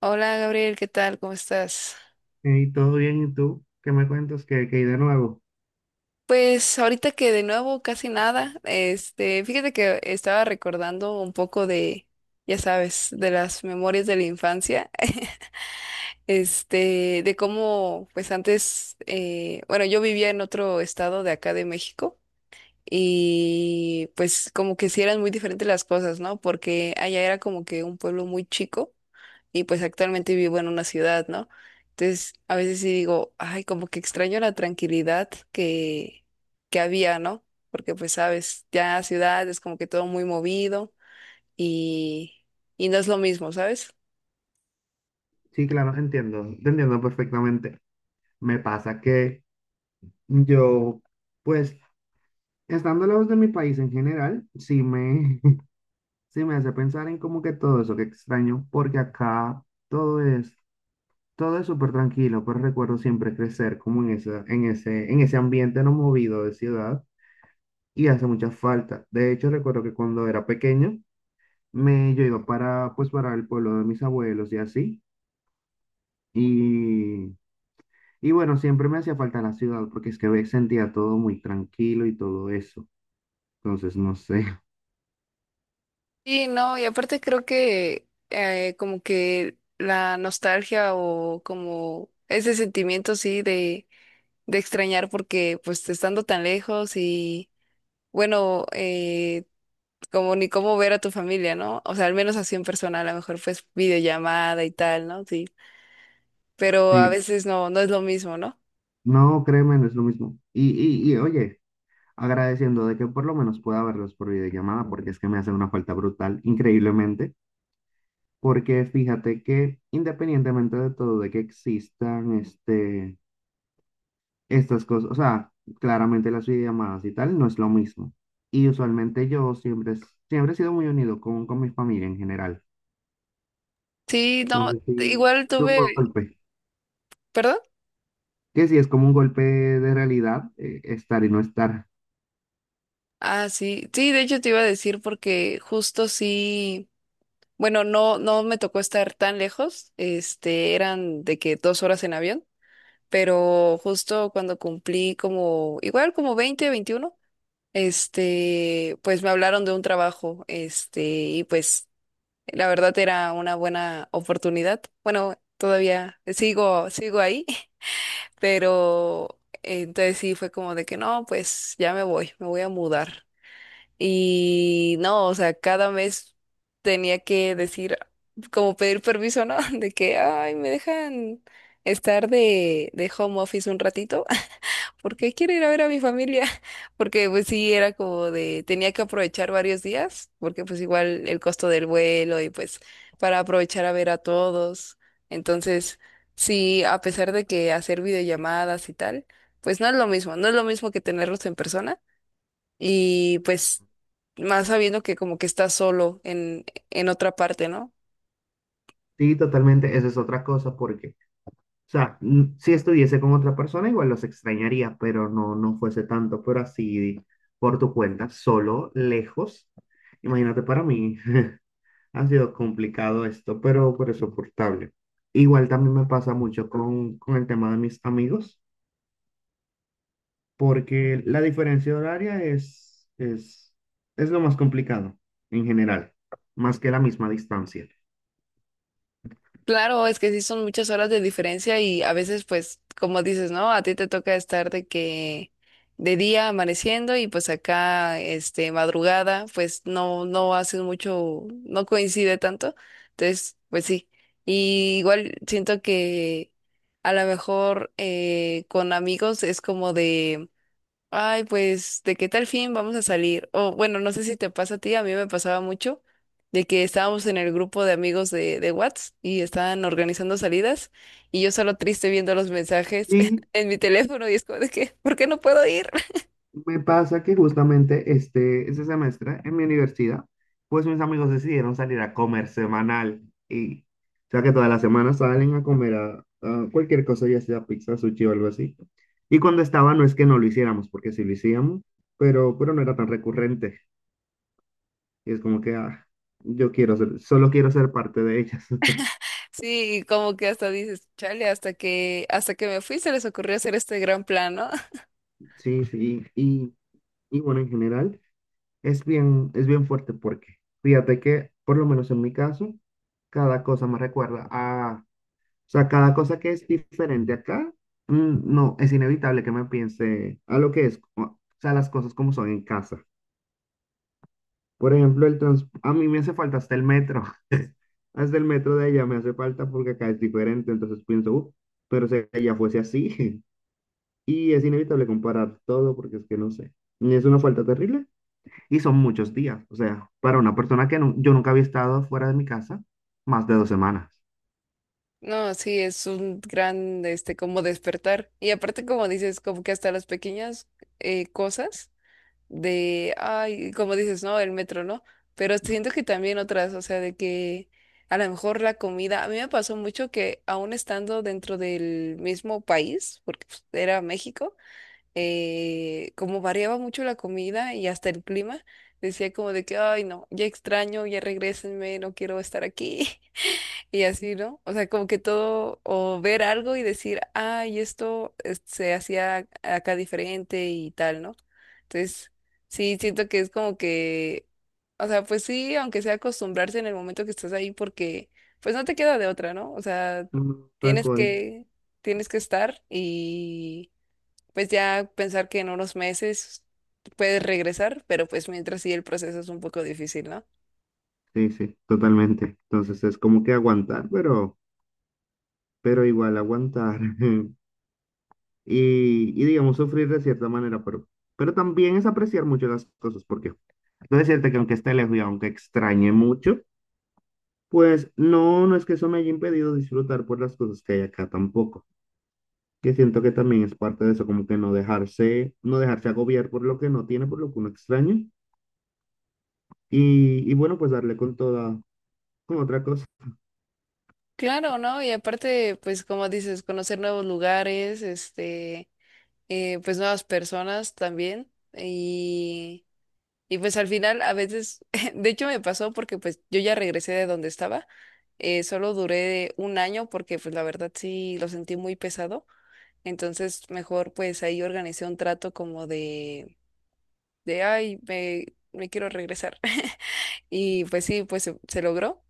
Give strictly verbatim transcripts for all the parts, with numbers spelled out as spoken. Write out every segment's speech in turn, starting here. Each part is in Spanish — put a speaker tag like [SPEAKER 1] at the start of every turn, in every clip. [SPEAKER 1] Hola Gabriel, ¿qué tal? ¿Cómo estás?
[SPEAKER 2] Y todo bien, ¿y tú? ¿Qué me cuentas? ¿Qué, qué hay de nuevo?
[SPEAKER 1] Pues ahorita que de nuevo casi nada, este, fíjate que estaba recordando un poco de, ya sabes, de las memorias de la infancia. este, de cómo, pues antes, eh, bueno, yo vivía en otro estado de acá de México y pues como que sí eran muy diferentes las cosas, ¿no? Porque allá era como que un pueblo muy chico y pues actualmente vivo en una ciudad, ¿no? Entonces, a veces sí digo, ay, como que extraño la tranquilidad que, que había, ¿no? Porque pues sabes, ya ciudad es como que todo muy movido y, y no es lo mismo, ¿sabes?
[SPEAKER 2] Sí, claro, entiendo, te entiendo perfectamente. Me pasa que yo, pues, estando lejos de mi país en general, sí me, sí me hace pensar en como que todo eso que extraño, porque acá todo es, todo es súper tranquilo, pues recuerdo siempre crecer como en esa, en ese, en ese ambiente no movido de ciudad y hace mucha falta. De hecho, recuerdo que cuando era pequeño, me, yo iba para, pues, para el pueblo de mis abuelos y así. Y, y bueno, siempre me hacía falta la ciudad porque es que ve- sentía todo muy tranquilo y todo eso. Entonces, no sé.
[SPEAKER 1] Sí, no, y aparte creo que eh, como que la nostalgia o como ese sentimiento, sí, de de extrañar porque pues estando tan lejos y bueno, eh, como ni cómo ver a tu familia, ¿no? O sea, al menos así en persona, a lo mejor pues videollamada y tal, ¿no? Sí, pero a
[SPEAKER 2] Sí,
[SPEAKER 1] veces no, no es lo mismo, ¿no?
[SPEAKER 2] no, créeme, no es lo mismo. Y, y, y oye, agradeciendo de que por lo menos pueda verlos por videollamada porque es que me hace una falta brutal, increíblemente. Porque fíjate que independientemente de todo, de que existan este, estas cosas, o sea, claramente las videollamadas y tal no es lo mismo. Y usualmente yo siempre, siempre he sido muy unido con, con mi familia en general.
[SPEAKER 1] Sí,
[SPEAKER 2] No
[SPEAKER 1] no,
[SPEAKER 2] sé si
[SPEAKER 1] igual
[SPEAKER 2] es un
[SPEAKER 1] tuve,
[SPEAKER 2] golpe.
[SPEAKER 1] ¿perdón?
[SPEAKER 2] Que si es como un golpe de realidad, eh, estar y no estar.
[SPEAKER 1] Ah, sí, sí, de hecho te iba a decir porque justo sí, bueno, no, no me tocó estar tan lejos, este, eran de que dos horas en avión, pero justo cuando cumplí como, igual como veinte, veintiuno. este, pues me hablaron de un trabajo, este, y pues la verdad era una buena oportunidad. Bueno, todavía sigo, sigo ahí. Pero eh, entonces sí fue como de que no, pues ya me voy, me voy a mudar. Y no, o sea, cada mes tenía que decir, como pedir permiso, ¿no? De que, ay, me dejan estar de, de home office un ratito porque quiero ir a ver a mi familia, porque pues sí, era como de, tenía que aprovechar varios días, porque pues igual el costo del vuelo y pues para aprovechar a ver a todos. Entonces, sí, a pesar de que hacer videollamadas y tal, pues no es lo mismo, no es lo mismo que tenerlos en persona y pues más sabiendo que como que estás solo en, en otra parte, ¿no?
[SPEAKER 2] Sí, totalmente, esa es otra cosa, porque, o sea, mm, si estuviese con otra persona, igual los extrañaría, pero no, no fuese tanto, pero así, por tu cuenta, solo, lejos. Imagínate, para mí ha sido complicado esto, pero, pero es soportable. Igual también me pasa mucho con, con el tema de mis amigos, porque la diferencia horaria es, es, es lo más complicado en general, más que la misma distancia.
[SPEAKER 1] Claro, es que sí son muchas horas de diferencia y a veces, pues, como dices, ¿no? A ti te toca estar de que de día amaneciendo y pues acá, este, madrugada, pues no, no haces mucho, no coincide tanto. Entonces, pues sí. Y igual siento que a lo mejor eh, con amigos es como de, ay, pues, ¿de qué tal fin vamos a salir? O bueno, no sé si te pasa a ti, a mí me pasaba mucho de que estábamos en el grupo de amigos de, de Whats y estaban organizando salidas y yo solo triste viendo los mensajes
[SPEAKER 2] Y
[SPEAKER 1] en mi teléfono y es como de que, ¿por qué no puedo ir?
[SPEAKER 2] me pasa que justamente este, este semestre en mi universidad, pues mis amigos decidieron salir a comer semanal y o sea que todas las semanas salen a comer a, a cualquier cosa, ya sea pizza, sushi o algo así. Y cuando estaba, no es que no lo hiciéramos, porque sí lo hacíamos, pero, pero no era tan recurrente. Y es como que, ah, yo quiero ser, solo quiero ser parte de ellas.
[SPEAKER 1] Sí, y como que hasta dices, chale, hasta que, hasta que me fui se les ocurrió hacer este gran plan, ¿no?
[SPEAKER 2] Sí, sí, y, y bueno, en general es bien, es bien fuerte porque fíjate que, por lo menos en mi caso, cada cosa me recuerda a, o sea, cada cosa que es diferente acá, mm, no, es inevitable que me piense a lo que es, o o sea, las cosas como son en casa. Por ejemplo, el trans, a mí me hace falta hasta el metro, hasta el metro de allá me hace falta porque acá es diferente, entonces pienso, "Uh, pero si allá fuese así, y es inevitable comparar todo porque es que no sé, es una falta terrible. Y son muchos días. O sea, para una persona que nu- yo nunca había estado fuera de mi casa, más de dos semanas.
[SPEAKER 1] No, sí, es un gran, este, como despertar. Y aparte, como dices, como que hasta las pequeñas eh, cosas de, ay, como dices, ¿no? El metro, ¿no? Pero siento que también otras, o sea, de que a lo mejor la comida, a mí me pasó mucho que aún estando dentro del mismo país, porque pues, era México, eh, como variaba mucho la comida y hasta el clima, decía como de que, ay, no, ya extraño, ya regrésenme, no quiero estar aquí. Y así, ¿no? O sea, como que todo, o ver algo y decir, ay, esto es- se hacía acá diferente y tal, ¿no? Entonces, sí, siento que es como que, o sea, pues sí, aunque sea acostumbrarse en el momento que estás ahí, porque pues no te queda de otra, ¿no? O sea,
[SPEAKER 2] Mm. Tal
[SPEAKER 1] tienes
[SPEAKER 2] cual.
[SPEAKER 1] que, tienes que estar y pues ya pensar que en unos meses puedes regresar, pero pues mientras sí el proceso es un poco difícil, ¿no?
[SPEAKER 2] Sí, sí, totalmente. Entonces es como que aguantar, pero, pero igual aguantar. Y, y digamos, sufrir de cierta manera, pero, pero también es apreciar mucho las cosas, porque debo decirte que aunque esté lejos y aunque extrañe mucho, pues no, no es que eso me haya impedido disfrutar por las cosas que hay acá tampoco, que siento que también es parte de eso, como que no dejarse, no dejarse agobiar por lo que no tiene, por lo que uno extraña, y, y bueno, pues darle con toda, con otra cosa.
[SPEAKER 1] Claro, ¿no? Y aparte, pues como dices, conocer nuevos lugares, este, eh, pues nuevas personas también. Y, y pues al final a veces, de hecho me pasó porque pues yo ya regresé de donde estaba, eh, solo duré un año porque pues la verdad sí lo sentí muy pesado. Entonces mejor pues ahí organicé un trato como de, de, ay, me, me quiero regresar. Y pues sí, pues se se logró.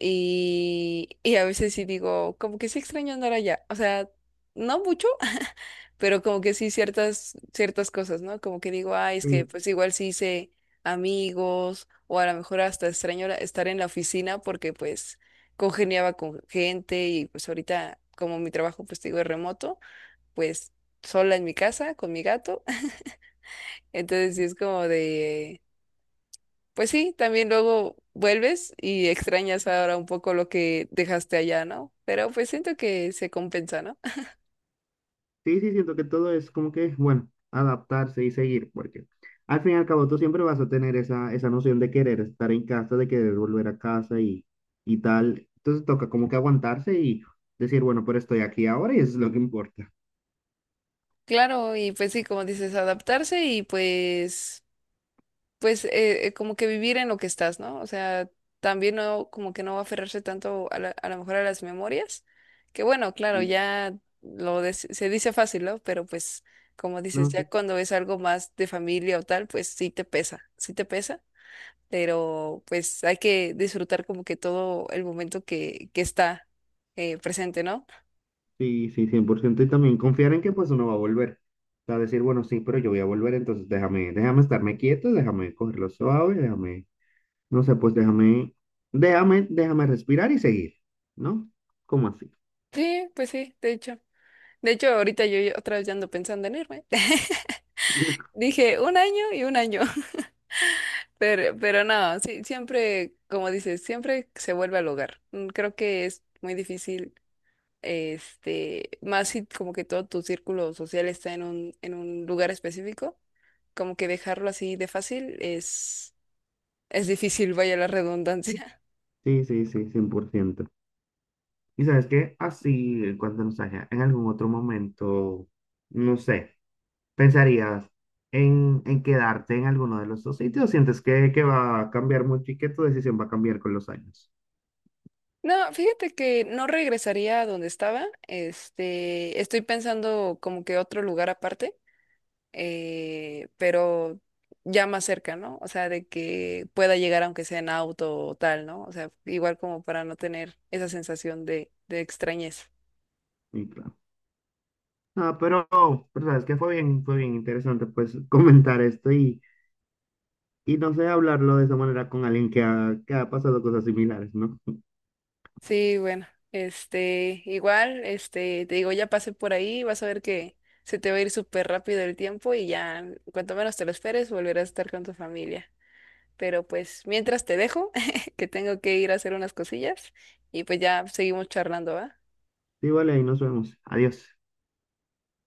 [SPEAKER 1] Y, y a veces sí digo, como que sí extraño andar allá. O sea, no mucho, pero como que sí ciertas, ciertas cosas, ¿no? Como que digo, ay, es que
[SPEAKER 2] Y
[SPEAKER 1] pues igual sí hice amigos, o a lo mejor hasta extraño la- estar en la oficina porque pues congeniaba con gente y pues ahorita como mi trabajo pues te digo es remoto, pues sola en mi casa con mi gato. Entonces sí es como de... Pues sí, también luego vuelves y extrañas ahora un poco lo que dejaste allá, ¿no? Pero pues siento que se compensa, ¿no?
[SPEAKER 2] sí, sí, siento que todo es como que, bueno, adaptarse y seguir, porque al fin y al cabo tú siempre vas a tener esa, esa noción de querer estar en casa, de querer volver a casa y, y tal, entonces toca como que aguantarse y decir, bueno, pero estoy aquí ahora y eso es lo que importa.
[SPEAKER 1] Claro, y pues sí, como dices, adaptarse y pues, pues eh, eh, como que vivir en lo que estás, ¿no? O sea, también no, como que no aferrarse tanto a la- a lo mejor a las memorias, que bueno, claro,
[SPEAKER 2] Y
[SPEAKER 1] ya lo des- se dice fácil, ¿no? Pero pues, como dices,
[SPEAKER 2] no
[SPEAKER 1] ya
[SPEAKER 2] sé.
[SPEAKER 1] cuando es algo más de familia o tal, pues sí te pesa, sí te pesa. Pero pues hay que disfrutar como que todo el momento que, que está eh, presente, ¿no?
[SPEAKER 2] Sí, sí, cien por ciento. Y también confiar en que pues uno va a volver. O sea, decir, bueno, sí, pero yo voy a volver, entonces déjame, déjame estarme quieto, déjame cogerlo suave, déjame, no sé, pues déjame, déjame, déjame respirar y seguir, ¿no? ¿Cómo así?
[SPEAKER 1] Sí, pues sí, de hecho. De hecho, ahorita yo ya- otra vez ya ando pensando en irme. Dije un año y un año, pero, pero no, sí, siempre, como dices, siempre se vuelve al hogar. Mm, Creo que es muy difícil, este, más si como que todo tu círculo social está en un, en un lugar específico, como que dejarlo así de fácil es, es difícil, vaya la redundancia.
[SPEAKER 2] Sí, sí, sí, cien por ciento. Y sabes que así, en cuanto nos haya, en algún otro momento, no sé, ¿pensarías en, en quedarte en alguno de los dos sitios? ¿Sientes que, que va a cambiar mucho y que tu decisión va a cambiar con los años?
[SPEAKER 1] No, fíjate que no regresaría a donde estaba. Este, estoy pensando como que otro lugar aparte, eh, pero ya más cerca, ¿no? O sea, de que pueda llegar aunque sea en auto o tal, ¿no? O sea, igual como para no tener esa sensación de, de extrañeza.
[SPEAKER 2] Y claro. Ah, pero, pero sabes que fue bien, fue bien interesante pues comentar esto y, y no sé, hablarlo de esa manera con alguien que ha, que ha pasado cosas similares, ¿no?
[SPEAKER 1] Sí, bueno, este, igual, este, te digo, ya pasé por ahí, vas a ver que se te va a ir súper rápido el tiempo y ya, cuanto menos te lo esperes, volverás a estar con tu familia. Pero pues mientras te dejo, que tengo que ir a hacer unas cosillas y pues ya seguimos charlando, ¿va?
[SPEAKER 2] Sí, vale, ahí nos vemos. Adiós.